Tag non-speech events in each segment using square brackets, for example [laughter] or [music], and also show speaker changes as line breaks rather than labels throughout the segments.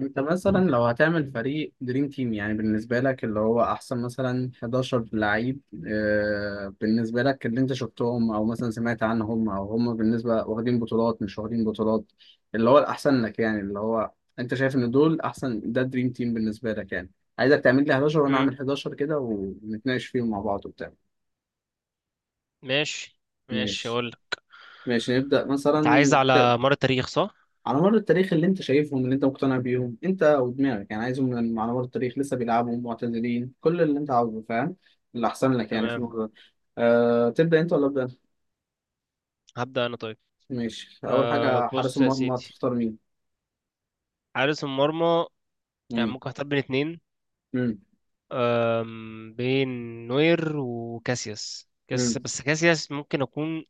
انت مثلا لو هتعمل فريق دريم تيم، يعني بالنسبة لك اللي هو احسن مثلا 11 لعيب. بالنسبة لك اللي انت شفتهم او مثلا سمعت عنهم، او هم بالنسبة واخدين بطولات مش واخدين بطولات، اللي هو الاحسن لك، يعني اللي هو انت شايف ان دول احسن، ده دريم تيم بالنسبة لك يعني. عايزك تعمل لي 11 وانا
امم
اعمل 11، كده ونتناقش فيهم مع بعض وبتاع.
ماشي. ماشي،
ماشي،
اقول لك.
ماشي نبدأ
انت
مثلا.
عايز على مر التاريخ، صح؟
على مر التاريخ اللي انت شايفهم، اللي انت مقتنع بيهم انت ودماغك، يعني عايزهم على مر التاريخ، لسه بيلعبوا، معتزلين، كل اللي انت عاوزه، فاهم؟ اللي احسن لك يعني في
تمام.
الموضوع ده. تبدأ انت ولا ابدأ أنا؟
هبدأ انا، طيب.
ماشي، اول
أه،
حاجة حارس
بص يا
المرمى
سيدي.
تختار مين؟
حارس المرمى، يعني
امم
ممكن اختار بين اتنين.
امم
بين نوير وكاسياس.
امم
بس كاسياس ممكن اكون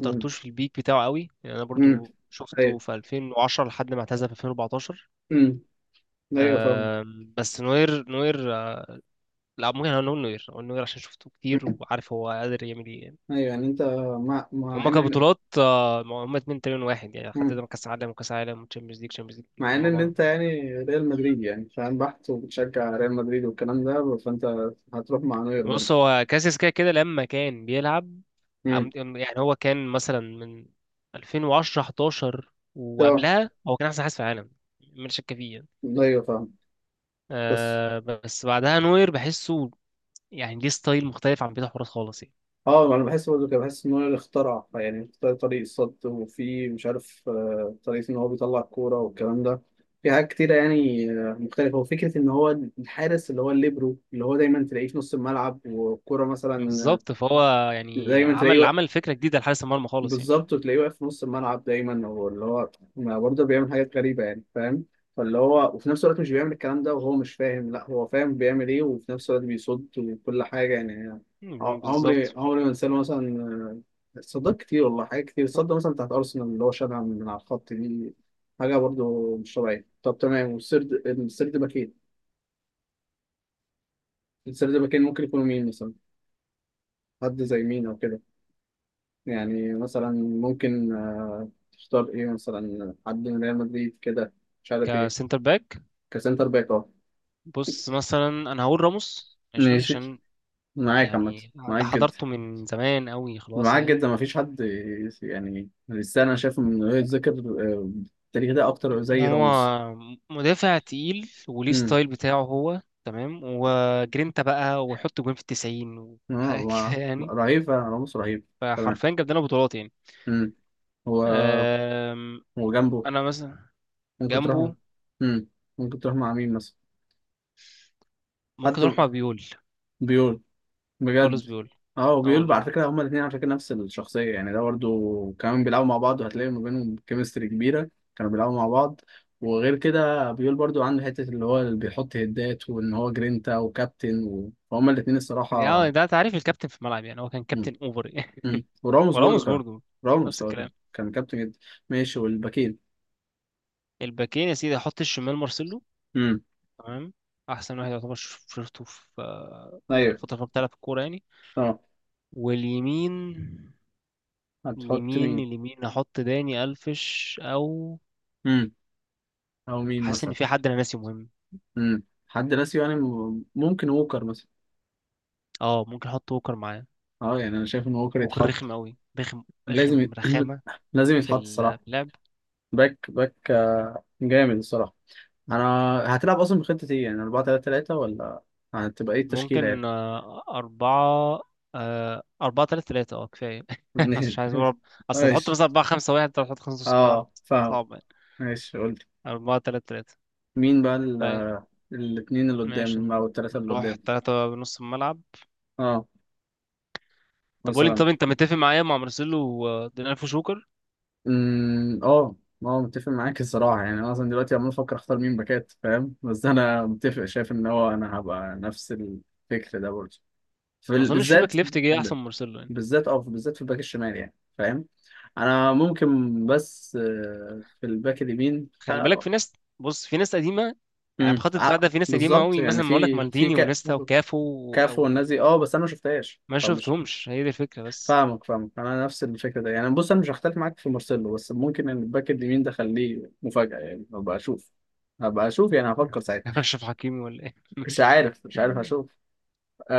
امم
في البيك بتاعه قوي. يعني انا
امم
برضو شفته
ايوه.
في 2010 لحد ما اعتزل في 2014.
امم ايوه فاهمك.
بس نوير. لا، ممكن اقول نوير عشان شفته كتير
مم.
وعارف هو قادر يعمل ايه يعني.
ايوه يعني انت، مع مع
هما
ان
كبطولات، هما اتنين تقريبا واحد يعني. حتى
مم.
ده كاس عالم، وكاس عالم، وتشامبيونز ليج، تشامبيونز ليج
مع
الاتنين
ان
مع
ان
بعض.
انت يعني ريال مدريد، يعني فاهم، بحت وبتشجع ريال مدريد والكلام ده، فانت هتروح مع نوير
بص،
برضه.
هو كاسياس كده كده لما كان بيلعب.
امم
يعني هو كان مثلا من 2010 11،
طب،
وقبلها هو كان احسن حارس في العالم، من شك فيه يعني.
ايوه فاهم، بس.
آه، بس بعدها نوير، بحسه يعني ليه ستايل مختلف عن بيت حراس خالص يعني.
اه انا بحس برضه كده، بحس ان هو اللي اخترع، يعني اختار طريق الصد، وفي مش عارف طريقة ان هو بيطلع الكورة والكلام ده. في حاجات كتيرة يعني مختلفة، وفكرة ان هو الحارس اللي هو الليبرو، اللي هو دايما تلاقيه في نص الملعب والكورة مثلا.
بالظبط. فهو يعني
دايما
عمل
تلاقيه.
عمل فكرة جديدة لحارس المرمى خالص يعني.
بالظبط، وتلاقيه واقف في نص الملعب دايما، واللي هو ما برضه بيعمل حاجات غريبة، يعني فاهم؟ فاللي هو، وفي نفس الوقت مش بيعمل الكلام ده وهو مش فاهم، لا هو فاهم بيعمل ايه، وفي نفس الوقت بيصد وكل حاجة يعني. عمري
بالظبط.
عمري ما انساه مثلا، صدق كتير والله، حاجات كتير صدق مثلا بتاعت أرسنال اللي هو شالها من على الخط دي، حاجة برضه مش طبيعية. طب تمام، السرد باكين، السرد باكين ممكن يكونوا مين مثلا؟ حد زي مين أو كده؟ يعني مثلا، ممكن تختار ايه، مثلا حد من ريال مدريد كده، مش عارف ايه.
كسنتر باك،
كسنتر باك، اه.
بص مثلا انا هقول راموس. ماشي،
ماشي،
عشان
معاك عامة.
يعني
معاك
ده
جدا،
حضرته من زمان قوي، خلاص
معاك
يعني.
جدا، مفيش حد يعني لسه انا شايف انه يتذكر آه، التاريخ ده اكتر زي
هو
راموس.
مدافع تقيل، وليه
امم،
ستايل بتاعه هو، تمام، وجرينتا بقى، ويحط جوان في التسعين، وحاجة [laughs] كده يعني.
رهيب فعلا راموس، رهيب. تمام،
فحرفيا جاب لنا بطولات يعني.
امم. هو،
أم،
هو جنبه
انا مثلا
ممكن تروح.
جنبه
امم، ممكن تروح مع مين مثلا؟ حد؟
ممكن اروح مع بيول.
بيول؟
كارلوس
بجد؟
بيول.
اه،
اه
وبيقول
والله.
على فكره هما الاثنين على فكره نفس الشخصيه، يعني ده برضه كمان بيلعبوا مع بعض، وهتلاقي ما بينهم كيمستري كبيره، كانوا بيلعبوا مع بعض. وغير كده بيقول برضه عنده حته اللي هو اللي بيحط هدات، وان هو جرينتا وكابتن وهما الاثنين
يعني
الصراحه.
ده تعريف الكابتن في الملعب، يعني هو كان
مم.
كابتن اوفر يعني.
مم.
[laughs]
وراموس
وراموس
برضه كان،
برضه نفس
راموس هو كان
الكلام.
كان كابتن جدا. ماشي، والباكين؟
الباكين، يا سيدي، احط الشمال مارسيلو.
امم،
تمام، احسن واحد يعتبر. شفته في في
ايوه.
الفتره اللي بتلعب في الكوره يعني.
اه،
واليمين،
هتحط
اليمين
مين؟
اليمين احط داني الفش، او
امم، او مين
حاسس ان
مثلا؟
في حد انا ناسي مهم.
امم، حد ناسي يعني، ممكن ووكر مثلا؟
اه، ممكن احط ووكر معاه.
اه يعني انا شايف ان ووكر
ووكر رخم
يتحط،
قوي، رخم،
لازم [clears throat]
رخامه
لازم
في
يتحط الصراحة.
في اللعب.
باك باك جامد الصراحة. أنا هتلعب أصلا بخطة إيه يعني، 4 3 3 ولا، هتبقى إيه التشكيلة
ممكن
يعني؟
أربعة، أربعة تلاتة تلاتة، اه كفاية. [laughs] أصل مش عايز أقول،
[laughs]
أصل تحط
ماشي،
مثلا أربعة خمسة واحد، أنت هتحط خمسة نص الملعب،
أه فاهم.
صعب يعني.
ماشي قلت،
أربعة تلاتة تلاتة،
مين بقى ال...
طيب.
آه، الاتنين اللي
ماشي،
قدام أو التلاتة اللي
نروح
قدام؟
تلاتة بنص الملعب.
أه،
طب قول لي،
مثلا.
طب انت متفق معايا مع مارسيلو ودينالفو شوكر؟
أمم، أه. أه متفق معاك الصراحة، يعني أنا أصلا دلوقتي عمال أفكر أختار مين باكات فاهم، بس أنا متفق، شايف إن هو أنا هبقى نفس الفكر ده برضه،
ما اظنش في
بالذات،
باك ليفت جه احسن من مارسيلو يعني.
بالذات اه، بالذات في الباك الشمال يعني فاهم. انا ممكن بس في الباك اليمين
خلي بالك في ناس، بص في ناس قديمه يعني.
مم،
بخط الدفاع ده في ناس قديمه
بالظبط
قوي،
يعني،
مثلا ما اقول لك، مالديني ونيستا وكافو،
كافو والناس
او
دي اه، بس انا ما شفتهاش
ما
فمش.
شفتهمش. هي دي الفكره بس.
فاهمك، فاهمك، انا نفس الفكره ده، يعني بص انا مش هختلف معاك في مارسيلو، بس ممكن ان الباك اليمين ده خليه مفاجاه، يعني هبقى اشوف، هبقى اشوف، يعني هفكر ساعتها.
[laughs] اشرف حكيمي ولا ايه؟ [laughs]
مش
ماشي.
عارف، مش عارف اشوف.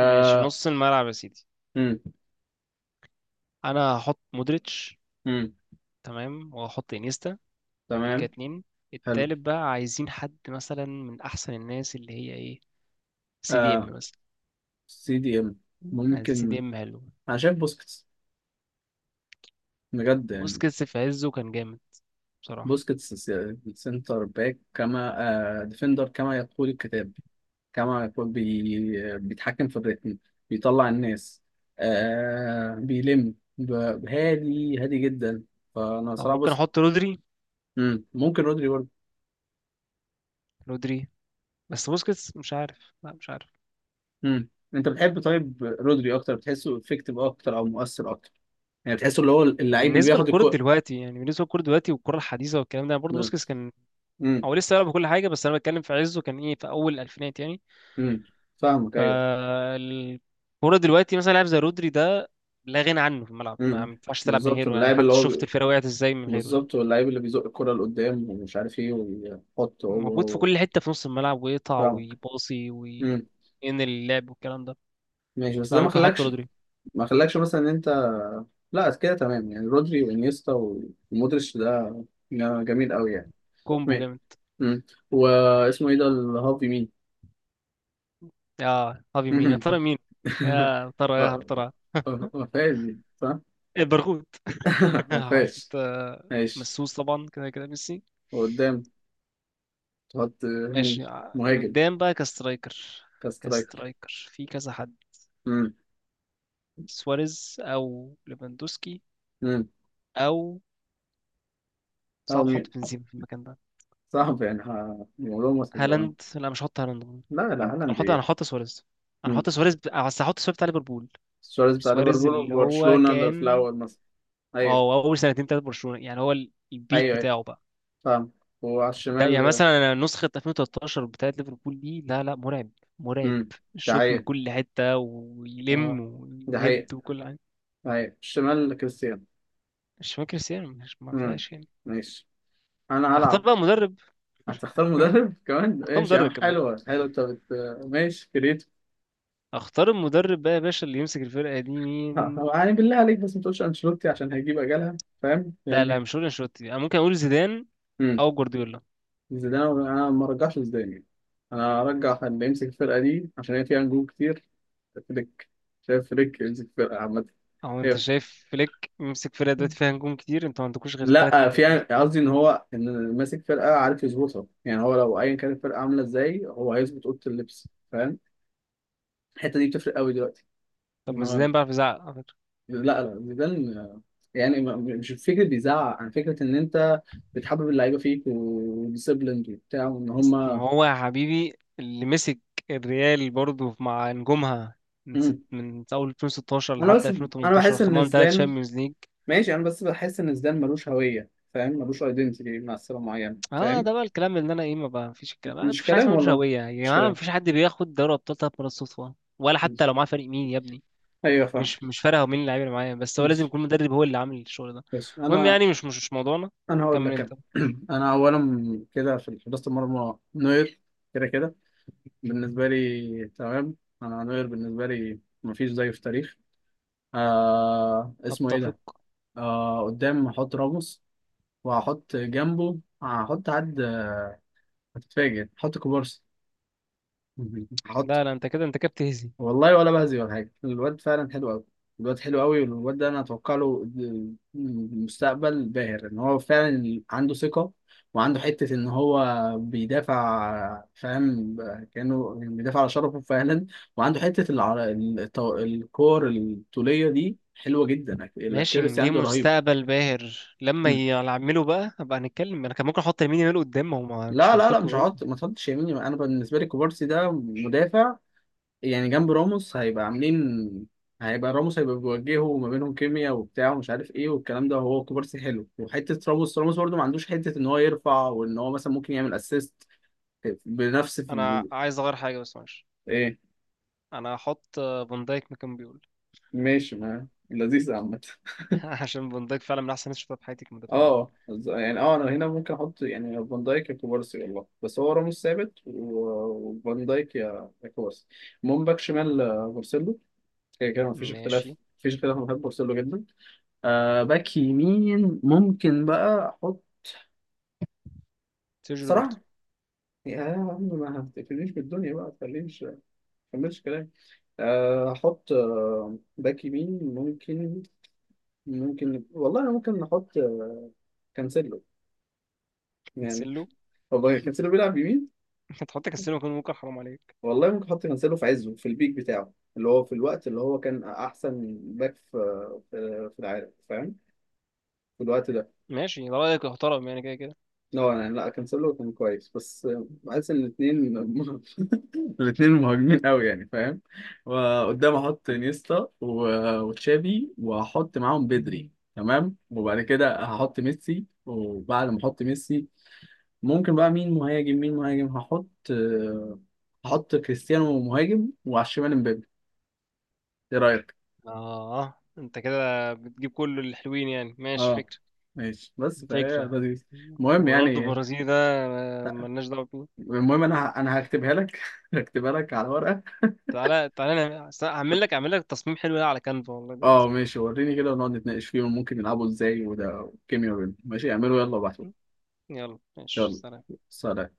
ماشي، نص الملعب يا سيدي.
امم،
انا هحط مودريتش،
امم،
تمام، وهحط انيستا. دول كده
تمام.
اتنين.
حلو.
التالت بقى عايزين حد مثلا من احسن الناس، اللي هي ايه، سي دي ام
آه،
مثلا.
سي دي ام
عايزين سي دي
ممكن.
ام، حلو.
انا شايف بوسكيتس، بجد يعني.
بوسكيتس في عزه كان جامد بصراحة.
بوسكيتس، سنتر باك كما، آه، ديفندر كما يقول الكتاب، كما يقول بي بيتحكم في الريتم، بيطلع الناس، آه بيلم، هادي، هادي جدا. فانا
أو
صراحه
ممكن
بص.
أحط رودري.
مم. ممكن رودري برضه.
رودري. بس بوسكيتس، مش عارف، لا مش عارف.
مم. انت بتحب طيب رودري اكتر، بتحسه افكتيف اكتر او مؤثر اكتر، يعني بتحسه اللي هو اللعيب اللي
بالنسبة
بياخد
للكرة
الكو.
دلوقتي يعني، بالنسبة للكرة دلوقتي والكرة الحديثة والكلام ده، برضه بوسكيتس كان،
مم.
هو لسه يلعب كل حاجة، بس أنا بتكلم في عزه كان إيه، في أول الألفينات يعني.
مم. فاهمك ايوه.
فالكرة دلوقتي مثلا لاعب زي رودري ده لا غنى عنه في الملعب، ما
مم.
ينفعش تلعب من
بالظبط،
غيره يعني،
اللاعب اللي
حتى شفت
هو،
الفرقة وقعت إزاي من غيره يعني.
بالظبط واللعيب اللي بيزق الكرة لقدام، ومش عارف ايه، ويحط هو
موجود في كل حتة في نص الملعب، ويقطع
فاهمك.
ويباصي وينقل
امم.
اللعب والكلام ده.
ماشي، بس ده ما
فممكن أحط
خلاكش،
رودري.
ما خلاكش مثلا ان انت، لا كده تمام يعني، رودري وانيستا ومودريتش ده، ده جميل قوي يعني.
كومبو
ماشي.
جامد.
امم. واسمه ايه ده الهافي مين؟
اه، هذه مين؟ يا
[laughs]
ترى مين؟ يا ترى يا هل
آه،
ترى؟
ما فيهاش دي صح.
إيه، برغوت. [laughs]
[laughs] ما فيهاش.
حط،
ماشي،
مسوس طبعا، كده كده ميسي.
وقدام تحط
ماشي.
مين؟
اللي
مهاجم؟
قدام بقى كسترايكر.
كاسترايكر.
كسترايكر في كذا حد.
امم،
سواريز او ليفاندوسكي،
امم.
او
او
صعب
مين؟
احط بنزيما في المكان ده.
صعب يعني، الموضوع مصعب.
هالاند، لا مش هحط هالاند انا.
لا لا، هالاند، ايه.
هحط سواريز. انا
مم.
هحط سواريز ب- بس هحط سواريز بتاع ليفربول.
سواريز بتاع
سواريز
ليفربول
اللي هو
وبرشلونة اللي في
كان،
الأول مثلا. أيوه،
اه، اول سنتين تلاتة برشلونة يعني، هو البيك
أيوه. أيوه
بتاعه بقى.
فاهم. وعلى
ده يعني
الشمال؟
مثلا أنا نسخة 2013 بتاعت ليفربول دي، لا لا، مرعب، مرعب.
امم. ده
الشوط من
حقيقة،
كل حتة، ويلم
اه، ده حقيقة.
ويهد وكل حاجة.
أيوه، الشمال كريستيانو.
مش فاكر سير، مش، ما
امم.
فيهاش يعني.
ماشي. أنا
اختار
هلعب،
بقى مدرب.
هتختار مدرب كمان؟
اختار
ماشي يا عم،
مدرب كمان.
حلوة حلوة، ماشي كريتو.
اختار المدرب بقى يا باشا، اللي يمسك الفرقة دي
[laughs]
مين؟
هو يعني بالله عليك بس ما تقولش أنشيلوتي، عشان هيجيب أجلها فاهم
لا لا
يعني.
مش هقول انشيلوتي انا، ممكن اقول زيدان
امم.
او جوارديولا.
زيدان أنا ما رجعش زيدان يعني. أنا هرجع اللي يمسك الفرقة دي، عشان هي فيها نجوم كتير. فليك. شايف فليك يمسك فرقة عامة.
او انت
هي-
شايف فليك يمسك فرقة دلوقتي فيها نجوم كتير؟ انتوا ما عندكوش غير ثلاث
لا
نجوم
في يعني،
بس.
قصدي ان هو ان ماسك فرقة عارف يظبطها، يعني هو لو ايا كانت الفرقة عاملة ازاي، هو هيظبط اوضة اللبس، فاهم؟ الحتة دي بتفرق قوي دلوقتي.
طب
ان
ما
هو،
زيدان بيعرف يزعق.
لا لا، زيدان، يعني مش فكرة بيزعق، عن فكرة ان انت بتحبب اللعيبة فيك، وديسيبلند وبتاع، وان
بس ما
هما.
هو يا حبيبي، اللي مسك الريال برضه مع نجومها من ست،
مم.
من اول 2016
انا
لحد
بس، انا
2018،
بحس ان
خدهم ثلاث
زيدان،
شامبيونز ليج.
ماشي انا بس بحس ان زيدان ملوش هوية، فاهم؟ ملوش ايدنتيتي مع سلة معينة
اه،
فاهم.
ده بقى الكلام اللي انا ايه، ما بقى مفيش الكلام، ما
مش
فيش حاجه
كلام
اسمها ملوش
والله،
هويه يا
مش
جماعه.
كلام.
مفيش حد بياخد دوري ابطال ثلاث مرات صدفه، ولا حتى
ماشي.
لو معاه فريق مين يا ابني.
ايوه فاهم.
مش مش فارقه هو مين اللعيبه اللي معايا، بس هو لازم
ماشي،
يكون مدرب، هو اللي عامل الشغل ده.
ماشي
المهم
انا،
يعني، مش موضوعنا.
انا هقول
كمل
لك، انا
انت.
[clears throat] انا اولا كده في حراسه المرمى نوير، كده بالنسبه لي تمام. انا نوير بالنسبه لي مفيش زيه في التاريخ. آه، اسمه ايه
اتفق.
ده. آه، قدام هحط راموس، وهحط جنبه، هحط حد هتتفاجئ، هحط كوبارسي. [laughs] هحط،
لا لا، انت كده بتهزي.
والله ولا بهزي ولا حاجة، الواد فعلا حلو أوي. الواد حلو أوي، والواد ده أنا أتوقع له مستقبل باهر، إن هو فعلا عنده ثقة، وعنده حتة إن هو بيدافع فاهم، كأنه بيدافع على شرفه فعلا، وعنده حتة الكور الطولية دي حلوة جدا،
ماشي،
الأكيرسي
ليه
عنده رهيب.
مستقبل باهر، لما
مم.
يعملوا بقى هبقى هنتكلم. انا كان ممكن احط لامين يامال قدام، هو مش
لا
منطقي
مش
برضه.
هحط، ما تحطش يميني. أنا بالنسبة لي كوبارسي ده مدافع، يعني جنب راموس هيبقى عاملين، هيبقى راموس هيبقى بيوجهه، ما بينهم كيميا وبتاع ومش عارف ايه والكلام ده، وهو كوبارسي حلو، وحته راموس برده ما عندوش حته ان هو يرفع، وان هو مثلا ممكن يعمل اسيست بنفس
انا عايز اغير حاجه بس، ماشي.
ايه؟
انا هحط فان دايك مكان بيقول.
ماشي، ما لذيذ عامة. [laughs]
[laughs] عشان فان دايك فعلا من احسن الناس اللي شفتها في حياتي كمدافعين.
اه يعني، اه انا هنا ممكن احط يعني فان دايك يا كوبارسي والله، بس هو راموس ثابت وفان دايك يا كوبارسي. المهم باك شمال بورسيلو، كده كده مفيش اختلاف،
ماشي.
مفيش اختلاف، انا بحب بورسيلو جدا. آه، باك يمين ممكن بقى احط
سيرجيو روبرتو.
صراحة، يا عم ما هفتكرنيش بالدنيا بقى، تخلينيش ما تكملش كلام. احط باك يمين ممكن، ممكن والله، أنا ممكن نحط كانسيلو يعني،
كانسيلو.
والله كانسيلو بيلعب يمين،
[laughs] هتحط كانسيلو مكان ممكن؟ حرام عليك.
والله ممكن احط كانسيلو في عزه، في البيك بتاعه اللي هو في الوقت اللي هو كان احسن باك في في العالم فاهم، في الوقت ده.
ماشي، ده رايك محترم يعني، كده كده.
لا يعني، لا كانسيلو كان كويس بس بحس ان الاثنين [laughs] الاثنين مهاجمين قوي يعني فاهم. وقدام احط نيستا وتشافي، واحط معاهم بدري تمام، وبعد كده هحط ميسي، وبعد ما احط ميسي ممكن بقى مين مهاجم، مين مهاجم هحط هحط كريستيانو مهاجم، وعلى الشمال امبابي. ايه رايك؟
اه، انت كده بتجيب كل الحلوين يعني. ماشي،
اه
فكره،
ماشي، بس فهي
فكره.
لذيذ. المهم
ورونالدو
يعني،
البرازيلي ده، ملناش دعوه بيه.
المهم انا،
[laughs]
انا هكتبها لك [laughs] هكتبها لك على ورقه.
تعالى، هعمل لك، تصميم حلو ده على كانفا والله
اه
دلوقتي.
ماشي وريني كده، ونقعد نتناقش فيهم ممكن يلعبوا ازاي، وده والكيميا بينهم. ماشي اعملوا، يلا بعد،
يلا ماشي،
يلا
سلام.
سلام.